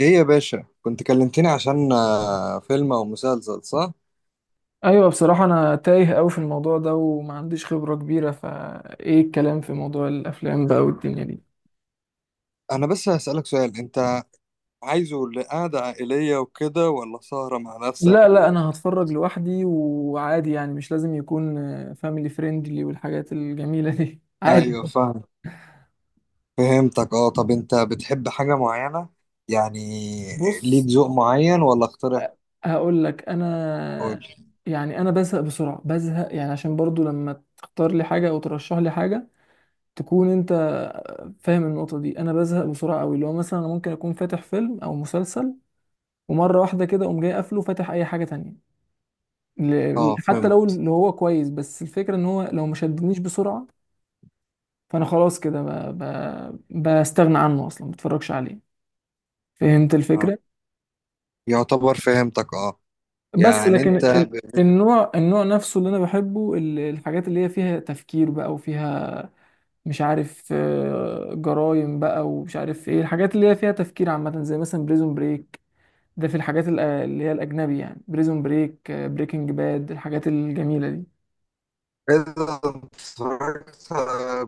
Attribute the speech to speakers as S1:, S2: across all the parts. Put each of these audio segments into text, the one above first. S1: ايه يا باشا، كنت كلمتني عشان فيلم او مسلسل، صح؟
S2: ايوه، بصراحة انا تايه قوي في الموضوع ده وما عنديش خبرة كبيرة، فايه الكلام في موضوع الافلام بقى والدنيا دي.
S1: انا بس هسألك سؤال. انت عايزه لقعدة عائلية وكده ولا سهرة مع
S2: لا
S1: نفسك
S2: لا،
S1: و...
S2: انا هتفرج لوحدي وعادي، يعني مش لازم يكون فاميلي فريندلي والحاجات الجميلة دي. عادي.
S1: ايوه، فاهم. فهمتك. اه، طب انت بتحب حاجة معينة؟ يعني ليك
S2: بص،
S1: ذوق معين ولا اقترح؟
S2: هقول لك
S1: قول.
S2: انا، يعني انا بزهق بسرعة، بزهق يعني، عشان برضو لما تختار لي حاجة او ترشح لي حاجة تكون انت فاهم النقطة دي. انا بزهق بسرعة قوي، اللي هو مثلا انا ممكن اكون فاتح فيلم او مسلسل ومرة واحدة كده اقوم جاي قافله فاتح اي حاجة تانية.
S1: اه،
S2: حتى لو
S1: فهمت.
S2: اللي هو كويس، بس الفكرة ان هو لو ما شدنيش بسرعة فانا خلاص كده بستغنى عنه اصلا، ما بتفرجش عليه. فهمت
S1: آه.
S2: الفكرة.
S1: يعتبر فهمتك. اه،
S2: بس يعني
S1: يعني
S2: لكن
S1: انت ب-
S2: النوع النوع نفسه اللي انا بحبه، الحاجات اللي هي فيها تفكير بقى وفيها مش عارف، جرايم بقى، ومش عارف ايه الحاجات اللي هي فيها تفكير عامة، زي مثلا بريزون بريك. ده في الحاجات اللي هي الأجنبي يعني، بريزون بريك، بريكنج باد، الحاجات الجميلة دي.
S1: إذا اتفرجت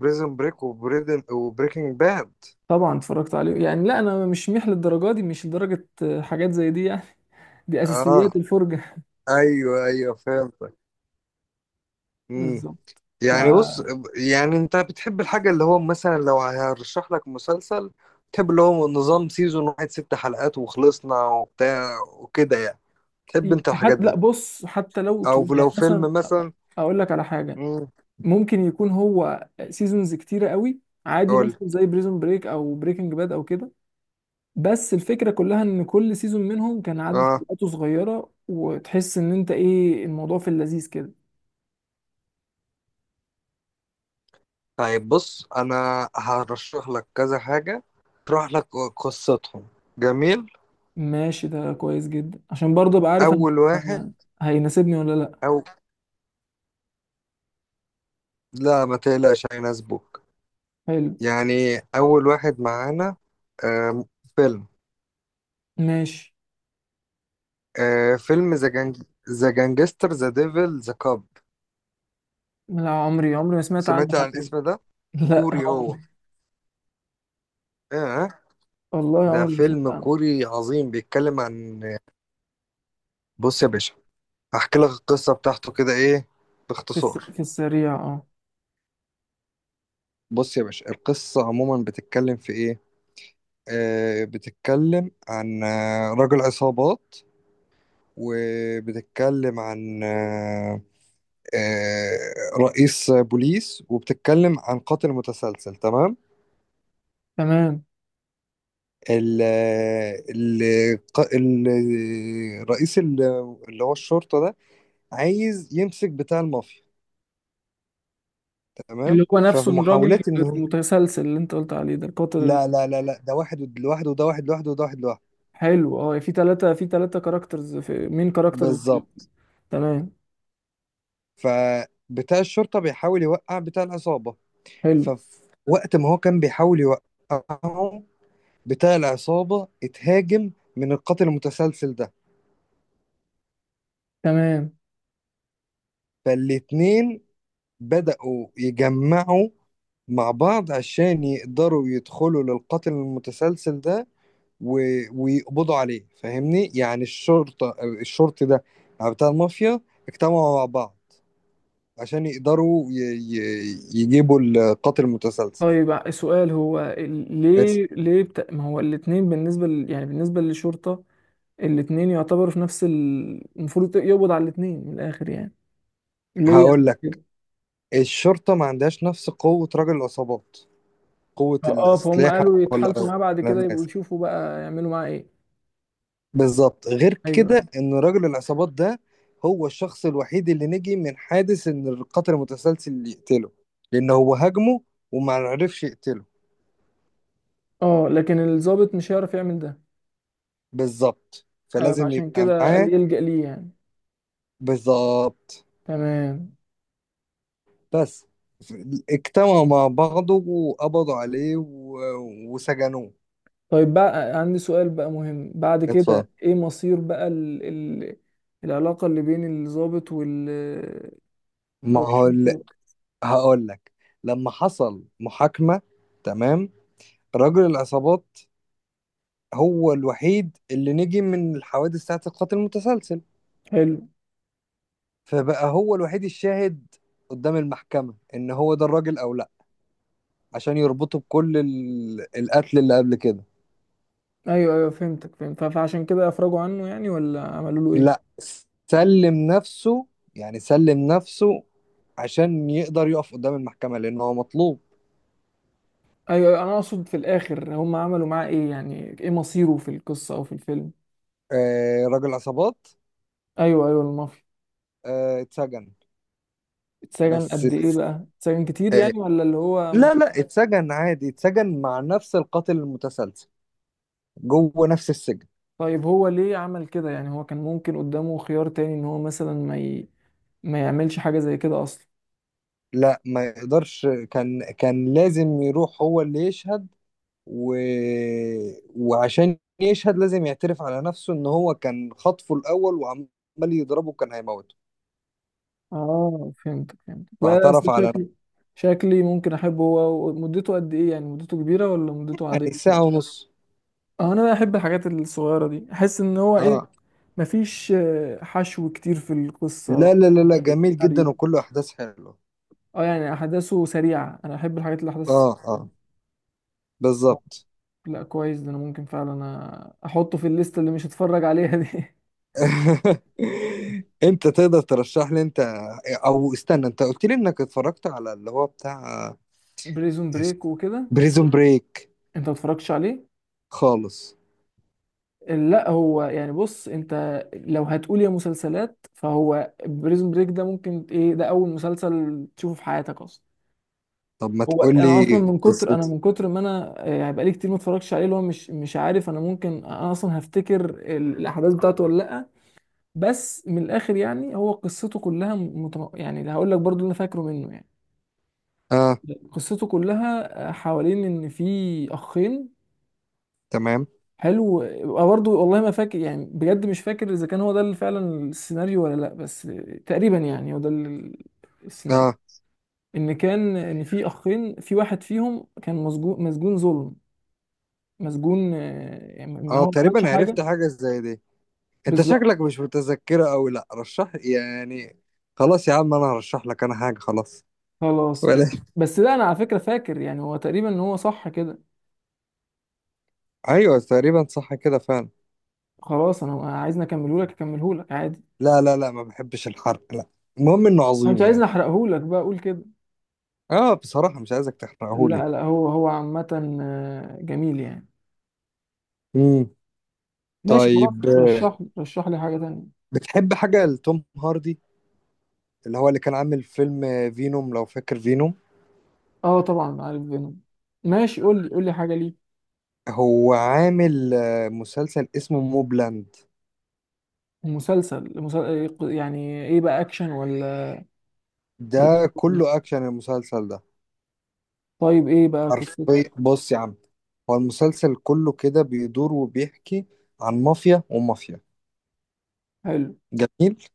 S1: بريزن بريك وبريدن وبريكنج باد.
S2: طبعا اتفرجت عليه يعني، لا انا مش ميح للدرجه دي، مش لدرجه حاجات زي دي يعني، دي
S1: اه،
S2: اساسيات الفرجه.
S1: ايوه ايوه، فهمتك.
S2: بالظبط. ف
S1: يعني بص، يعني انت بتحب الحاجة اللي هو مثلا لو هرشح لك مسلسل، تحب اللي هو نظام سيزون واحد ست حلقات وخلصنا وبتاع وكده؟ يعني تحب انت الحاجات
S2: حتى لا
S1: دي
S2: بص، حتى لو
S1: او
S2: يعني
S1: لو فيلم
S2: مثلا
S1: مثلا؟
S2: اقول لك على حاجه،
S1: مم،
S2: ممكن يكون هو سيزونز كتيره قوي عادي،
S1: قول.
S2: مثلا زي بريزون بريك او بريكنج باد او كده، بس الفكره كلها ان كل سيزون منهم كان عدد
S1: اه،
S2: حلقاته صغيره وتحس ان انت ايه الموضوع في اللذيذ كده.
S1: طيب بص، انا هرشح لك كذا حاجة، اشرح لك قصتهم. جميل.
S2: ماشي، ده كويس جدا عشان برضه ابقى عارف أنا
S1: اول واحد،
S2: هيناسبني ولا لا.
S1: او لا، ما تقلقش هيناسبوك.
S2: حلو.
S1: يعني اول واحد معانا، آم، فيلم.
S2: ماشي.
S1: آه، فيلم ذا جانج، ذا جانجستر ذا ديفل ذا كاب.
S2: لا، عمري عمري ما سمعت عنه
S1: سمعت عن
S2: حتى.
S1: الاسم ده؟
S2: لا،
S1: كوري هو.
S2: عمري.
S1: اه،
S2: والله
S1: ده
S2: عمري ما سمعت
S1: فيلم
S2: عنه.
S1: كوري عظيم، بيتكلم عن، بص يا باشا، هحكي لك القصة بتاعته كده، ايه، باختصار.
S2: في السريع، اه.
S1: بص يا باشا، القصة عموما بتتكلم في ايه. آه، بتتكلم عن رجل عصابات، وبتتكلم عن آه رئيس بوليس، وبتتكلم عن قاتل متسلسل. تمام.
S2: تمام.
S1: ال ال ال- رئيس ال- اللي هو الشرطة ده عايز يمسك بتاع المافيا. تمام،
S2: اللي هو نفسه
S1: ففي
S2: الراجل
S1: محاولات ان هو،
S2: المتسلسل اللي انت قلت عليه ده، القاتل
S1: لا لا لا لا، ده واحد لوحده وده واحد لوحده وده واحد لوحده.
S2: الحلو. اه، في ثلاثة كاركترز، في مين كاركترز.
S1: بالظبط،
S2: تمام.
S1: فبتاع الشرطة بيحاول يوقع بتاع العصابة.
S2: حلو.
S1: ففي وقت ما هو كان بيحاول يوقعه، بتاع العصابة اتهاجم من القاتل المتسلسل ده.
S2: تمام.
S1: فالاتنين بدأوا يجمعوا مع بعض عشان يقدروا يدخلوا للقاتل المتسلسل ده و... ويقبضوا عليه. فاهمني؟ يعني الشرطة، الشرطي ده، بتاع المافيا، اجتمعوا مع بعض عشان يقدروا يجيبوا القاتل المتسلسل.
S2: طيب السؤال هو،
S1: بس.
S2: ليه ليه ما هو الاتنين بالنسبة يعني بالنسبة للشرطة الاتنين يعتبروا في نفس المفروض يقبض على الاتنين من الآخر يعني. ليه
S1: هقول لك،
S2: يعني؟
S1: الشرطة ما عندهاش نفس قوة رجل العصابات، قوة
S2: اه، فهم
S1: الأسلحة
S2: قالوا
S1: ولا
S2: يتحالفوا معاه بعد
S1: ولا
S2: كده يبقوا
S1: الناس.
S2: يشوفوا بقى يعملوا معاه ايه.
S1: بالظبط، غير
S2: ايوه.
S1: كده ان راجل العصابات ده هو الشخص الوحيد اللي نجي من حادث ان القاتل المتسلسل اللي يقتله، لان هو هاجمه وما عرفش يقتله.
S2: اه، لكن الضابط مش هيعرف يعمل ده.
S1: بالظبط، فلازم
S2: فعشان
S1: يبقى
S2: كده
S1: معاه.
S2: قال يلجأ ليه يعني.
S1: بالظبط.
S2: تمام.
S1: بس. ف- اجتمعوا مع بعضه وقبضوا عليه و... وسجنوه.
S2: طيب بقى عندي سؤال بقى مهم، بعد
S1: اتفضل.
S2: كده ايه مصير بقى العلاقة اللي بين الضابط وال،
S1: ما
S2: او
S1: هو ال-
S2: الشرطة.
S1: هقول لك، لما حصل محاكمة، تمام، راجل العصابات هو الوحيد اللي نجي من الحوادث بتاعت القتل المتسلسل.
S2: حلو.
S1: فبقى هو الوحيد الشاهد قدام المحكمة، ان هو ده الراجل او لا، عشان يربطه بكل القتل اللي قبل كده.
S2: ايوه ايوه، فهمتك فهمت، فعشان كده افرجوا عنه يعني، ولا عملوا له ايه؟
S1: لا، سلم نفسه، يعني سلم نفسه عشان يقدر يقف قدام المحكمة، لان هو مطلوب.
S2: ايوه، أيوة، انا اقصد في الاخر هم عملوا معاه ايه يعني، ايه مصيره في القصة او في الفيلم.
S1: آه، راجل عصابات،
S2: ايوه ايوه، المافيا.
S1: آه، اتسجن.
S2: اتسجن
S1: بس
S2: قد ايه
S1: ات-
S2: بقى؟ اتسجن كتير
S1: آه،
S2: يعني، ولا اللي هو؟
S1: لا لا، اتسجن عادي، اتسجن مع نفس القاتل المتسلسل، جوه نفس السجن.
S2: طيب هو ليه عمل كده يعني؟ هو كان ممكن قدامه خيار تاني ان هو مثلا ما يعملش حاجة زي كده اصلا.
S1: لا، ما يقدرش، كان كان لازم يروح هو اللي يشهد و... وعشان يشهد لازم يعترف على نفسه ان هو كان خطفه الاول وعمال يضربه، كان هيموته.
S2: اه فهمت فهمت، بس
S1: فاعترف على نفسه.
S2: شكلي، شكلي ممكن احبه. هو مدته قد ايه يعني؟ مدته كبيرة ولا مدته عادية؟
S1: يعني ساعة ونص.
S2: اه، انا بحب الحاجات الصغيرة دي، احس ان هو ايه،
S1: اه،
S2: مفيش حشو كتير في القصة
S1: لا لا لا
S2: في
S1: لا، جميل جدا
S2: السيناريو.
S1: وكله احداث حلوة.
S2: اه يعني احداثه سريعة، انا احب الحاجات اللي احداثها
S1: اه،
S2: سريعة.
S1: اه، بالظبط.
S2: لا كويس ده، انا ممكن فعلا احطه في الليسته اللي مش هتفرج عليها دي.
S1: انت تقدر ترشح لي انت، او استنى، انت قلت لي انك اتفرجت على اللي هو بتاع
S2: بريزون بريك وكده.
S1: بريزون بريك؟
S2: انت ما اتفرجتش عليه؟
S1: خالص.
S2: لا هو يعني، بص انت، لو هتقول يا مسلسلات فهو بريزون بريك ده ممكن ايه، ده اول مسلسل تشوفه في حياتك اصلا.
S1: طب ما
S2: هو
S1: تقول
S2: انا
S1: لي
S2: اصلا من كتر،
S1: قصته.
S2: ما انا، هيبقى لي كتير ما اتفرجتش عليه، اللي هو مش عارف، انا ممكن انا اصلا هفتكر الاحداث بتاعته ولا لا. بس من الاخر يعني، هو قصته كلها يعني هقول لك برضو اللي انا فاكره منه يعني،
S1: اه.
S2: قصته كلها حوالين ان في اخين.
S1: تمام.
S2: حلو. أه برضه، والله ما فاكر يعني، بجد مش فاكر اذا كان هو ده اللي فعلا السيناريو ولا لا، بس تقريبا يعني هو ده السيناريو،
S1: اه،
S2: ان كان ان في اخين، في واحد فيهم كان مسجون، مسجون ظلم، مسجون يعني ما
S1: اه،
S2: هو ما عملش
S1: تقريبا
S2: حاجه.
S1: عرفت حاجة زي دي. انت
S2: بالظبط.
S1: شكلك مش متذكره قوي، لا رشح يعني، خلاص يا عم انا هرشح لك انا حاجه، خلاص
S2: خلاص.
S1: ولا
S2: بس لا، انا على فكره فاكر يعني، هو تقريبا ان هو صح كده.
S1: ايوه، تقريبا صح كده فعلا.
S2: خلاص انا عايزني اكمله لك، اكمله لك عادي.
S1: لا لا لا، ما بحبش الحرق، لا. المهم انه
S2: انت
S1: عظيم
S2: عايزني
S1: يعني.
S2: احرقه لك بقى اقول كده؟
S1: اه، بصراحه مش عايزك
S2: لا
S1: تحرقهولي.
S2: لا، هو عامة جميل يعني.
S1: امم.
S2: ماشي خلاص،
S1: طيب
S2: رشح رشح لي حاجة تانية.
S1: بتحب حاجه لتوم هاردي، اللي هو اللي كان عامل فيلم فينوم، لو فاكر فينوم؟
S2: اه طبعا عارف فينوم. ماشي، قول لي قول لي حاجة ليه.
S1: هو عامل مسلسل اسمه موبلاند.
S2: مسلسل، يعني ايه بقى، اكشن ولا، ولا؟
S1: ده كله اكشن المسلسل ده.
S2: طيب ايه بقى قصته؟
S1: حرفيا بص يا عم، هو المسلسل كله كده بيدور وبيحكي عن مافيا ومافيا.
S2: حلو.
S1: جميل.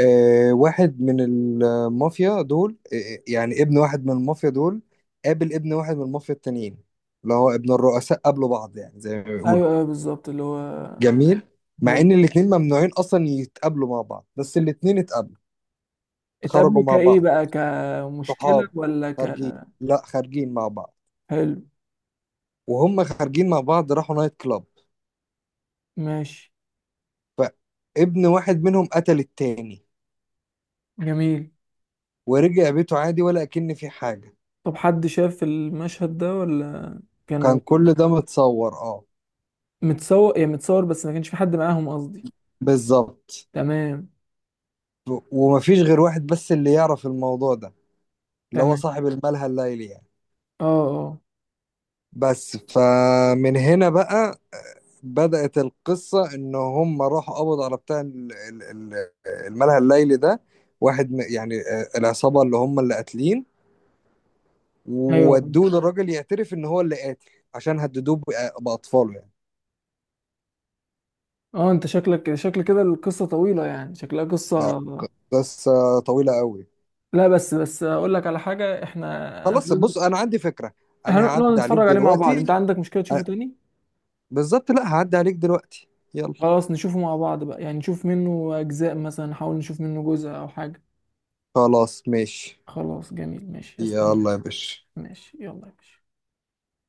S1: آه، واحد من المافيا دول، يعني ابن واحد من المافيا دول قابل ابن واحد من المافيا التانيين، اللي هو ابن الرؤساء، قابلوا بعض يعني زي ما بيقولوا.
S2: ايوه ايوه، بالظبط اللي هو.
S1: جميل. مع
S2: حلو،
S1: ان الاتنين ممنوعين اصلا يتقابلوا مع بعض، بس الاتنين اتقابلوا. خرجوا
S2: اتقابلوا
S1: مع
S2: كايه
S1: بعض،
S2: بقى، كمشكلة
S1: صحاب،
S2: ولا ك؟
S1: خارجين، لا، خارجين مع بعض.
S2: حلو.
S1: وهم خارجين مع بعض راحوا نايت كلاب.
S2: ماشي.
S1: فابن واحد منهم قتل التاني،
S2: جميل.
S1: ورجع بيته عادي ولا أكن في حاجة.
S2: طب حد شاف المشهد ده، ولا كانوا،
S1: كان كل ده متصور، اه.
S2: متصور يعني متصور، بس ما كانش في حد معاهم قصدي.
S1: بالظبط.
S2: تمام.
S1: ومفيش غير واحد بس اللي يعرف الموضوع ده، اللي هو
S2: تمام.
S1: صاحب الملهى الليلي يعني.
S2: اه. اه.
S1: بس، فمن هنا بقى بدأت القصة، إن هم راحوا قبضوا على بتاع الملهى الليلي ده، واحد يعني العصابة اللي هم اللي قاتلين،
S2: ايوه.
S1: وودوه للراجل يعترف إن هو اللي قاتل، عشان هددوه بأطفاله يعني.
S2: اه انت شكلك شكل كده القصه طويله يعني، شكلها
S1: لا.
S2: قصه.
S1: ك- بس آه، طويلة قوي.
S2: لا بس بس اقول لك على حاجه، احنا انا
S1: خلاص
S2: لازم
S1: بص، انا عندي فكرة، انا
S2: هنقعد
S1: هعدي عليك
S2: نتفرج عليه مع بعض، انت
S1: دلوقتي.
S2: عندك مشكله تشوفه
S1: آه،
S2: تاني؟
S1: بالظبط، لا، هعدي عليك دلوقتي. يلا.
S2: خلاص نشوفه مع بعض بقى يعني، نشوف منه اجزاء مثلا، نحاول نشوف منه جزء او حاجه.
S1: خلاص ماشي،
S2: خلاص جميل، ماشي استنى.
S1: يلا يا باشا.
S2: ماشي يلا يا باشا.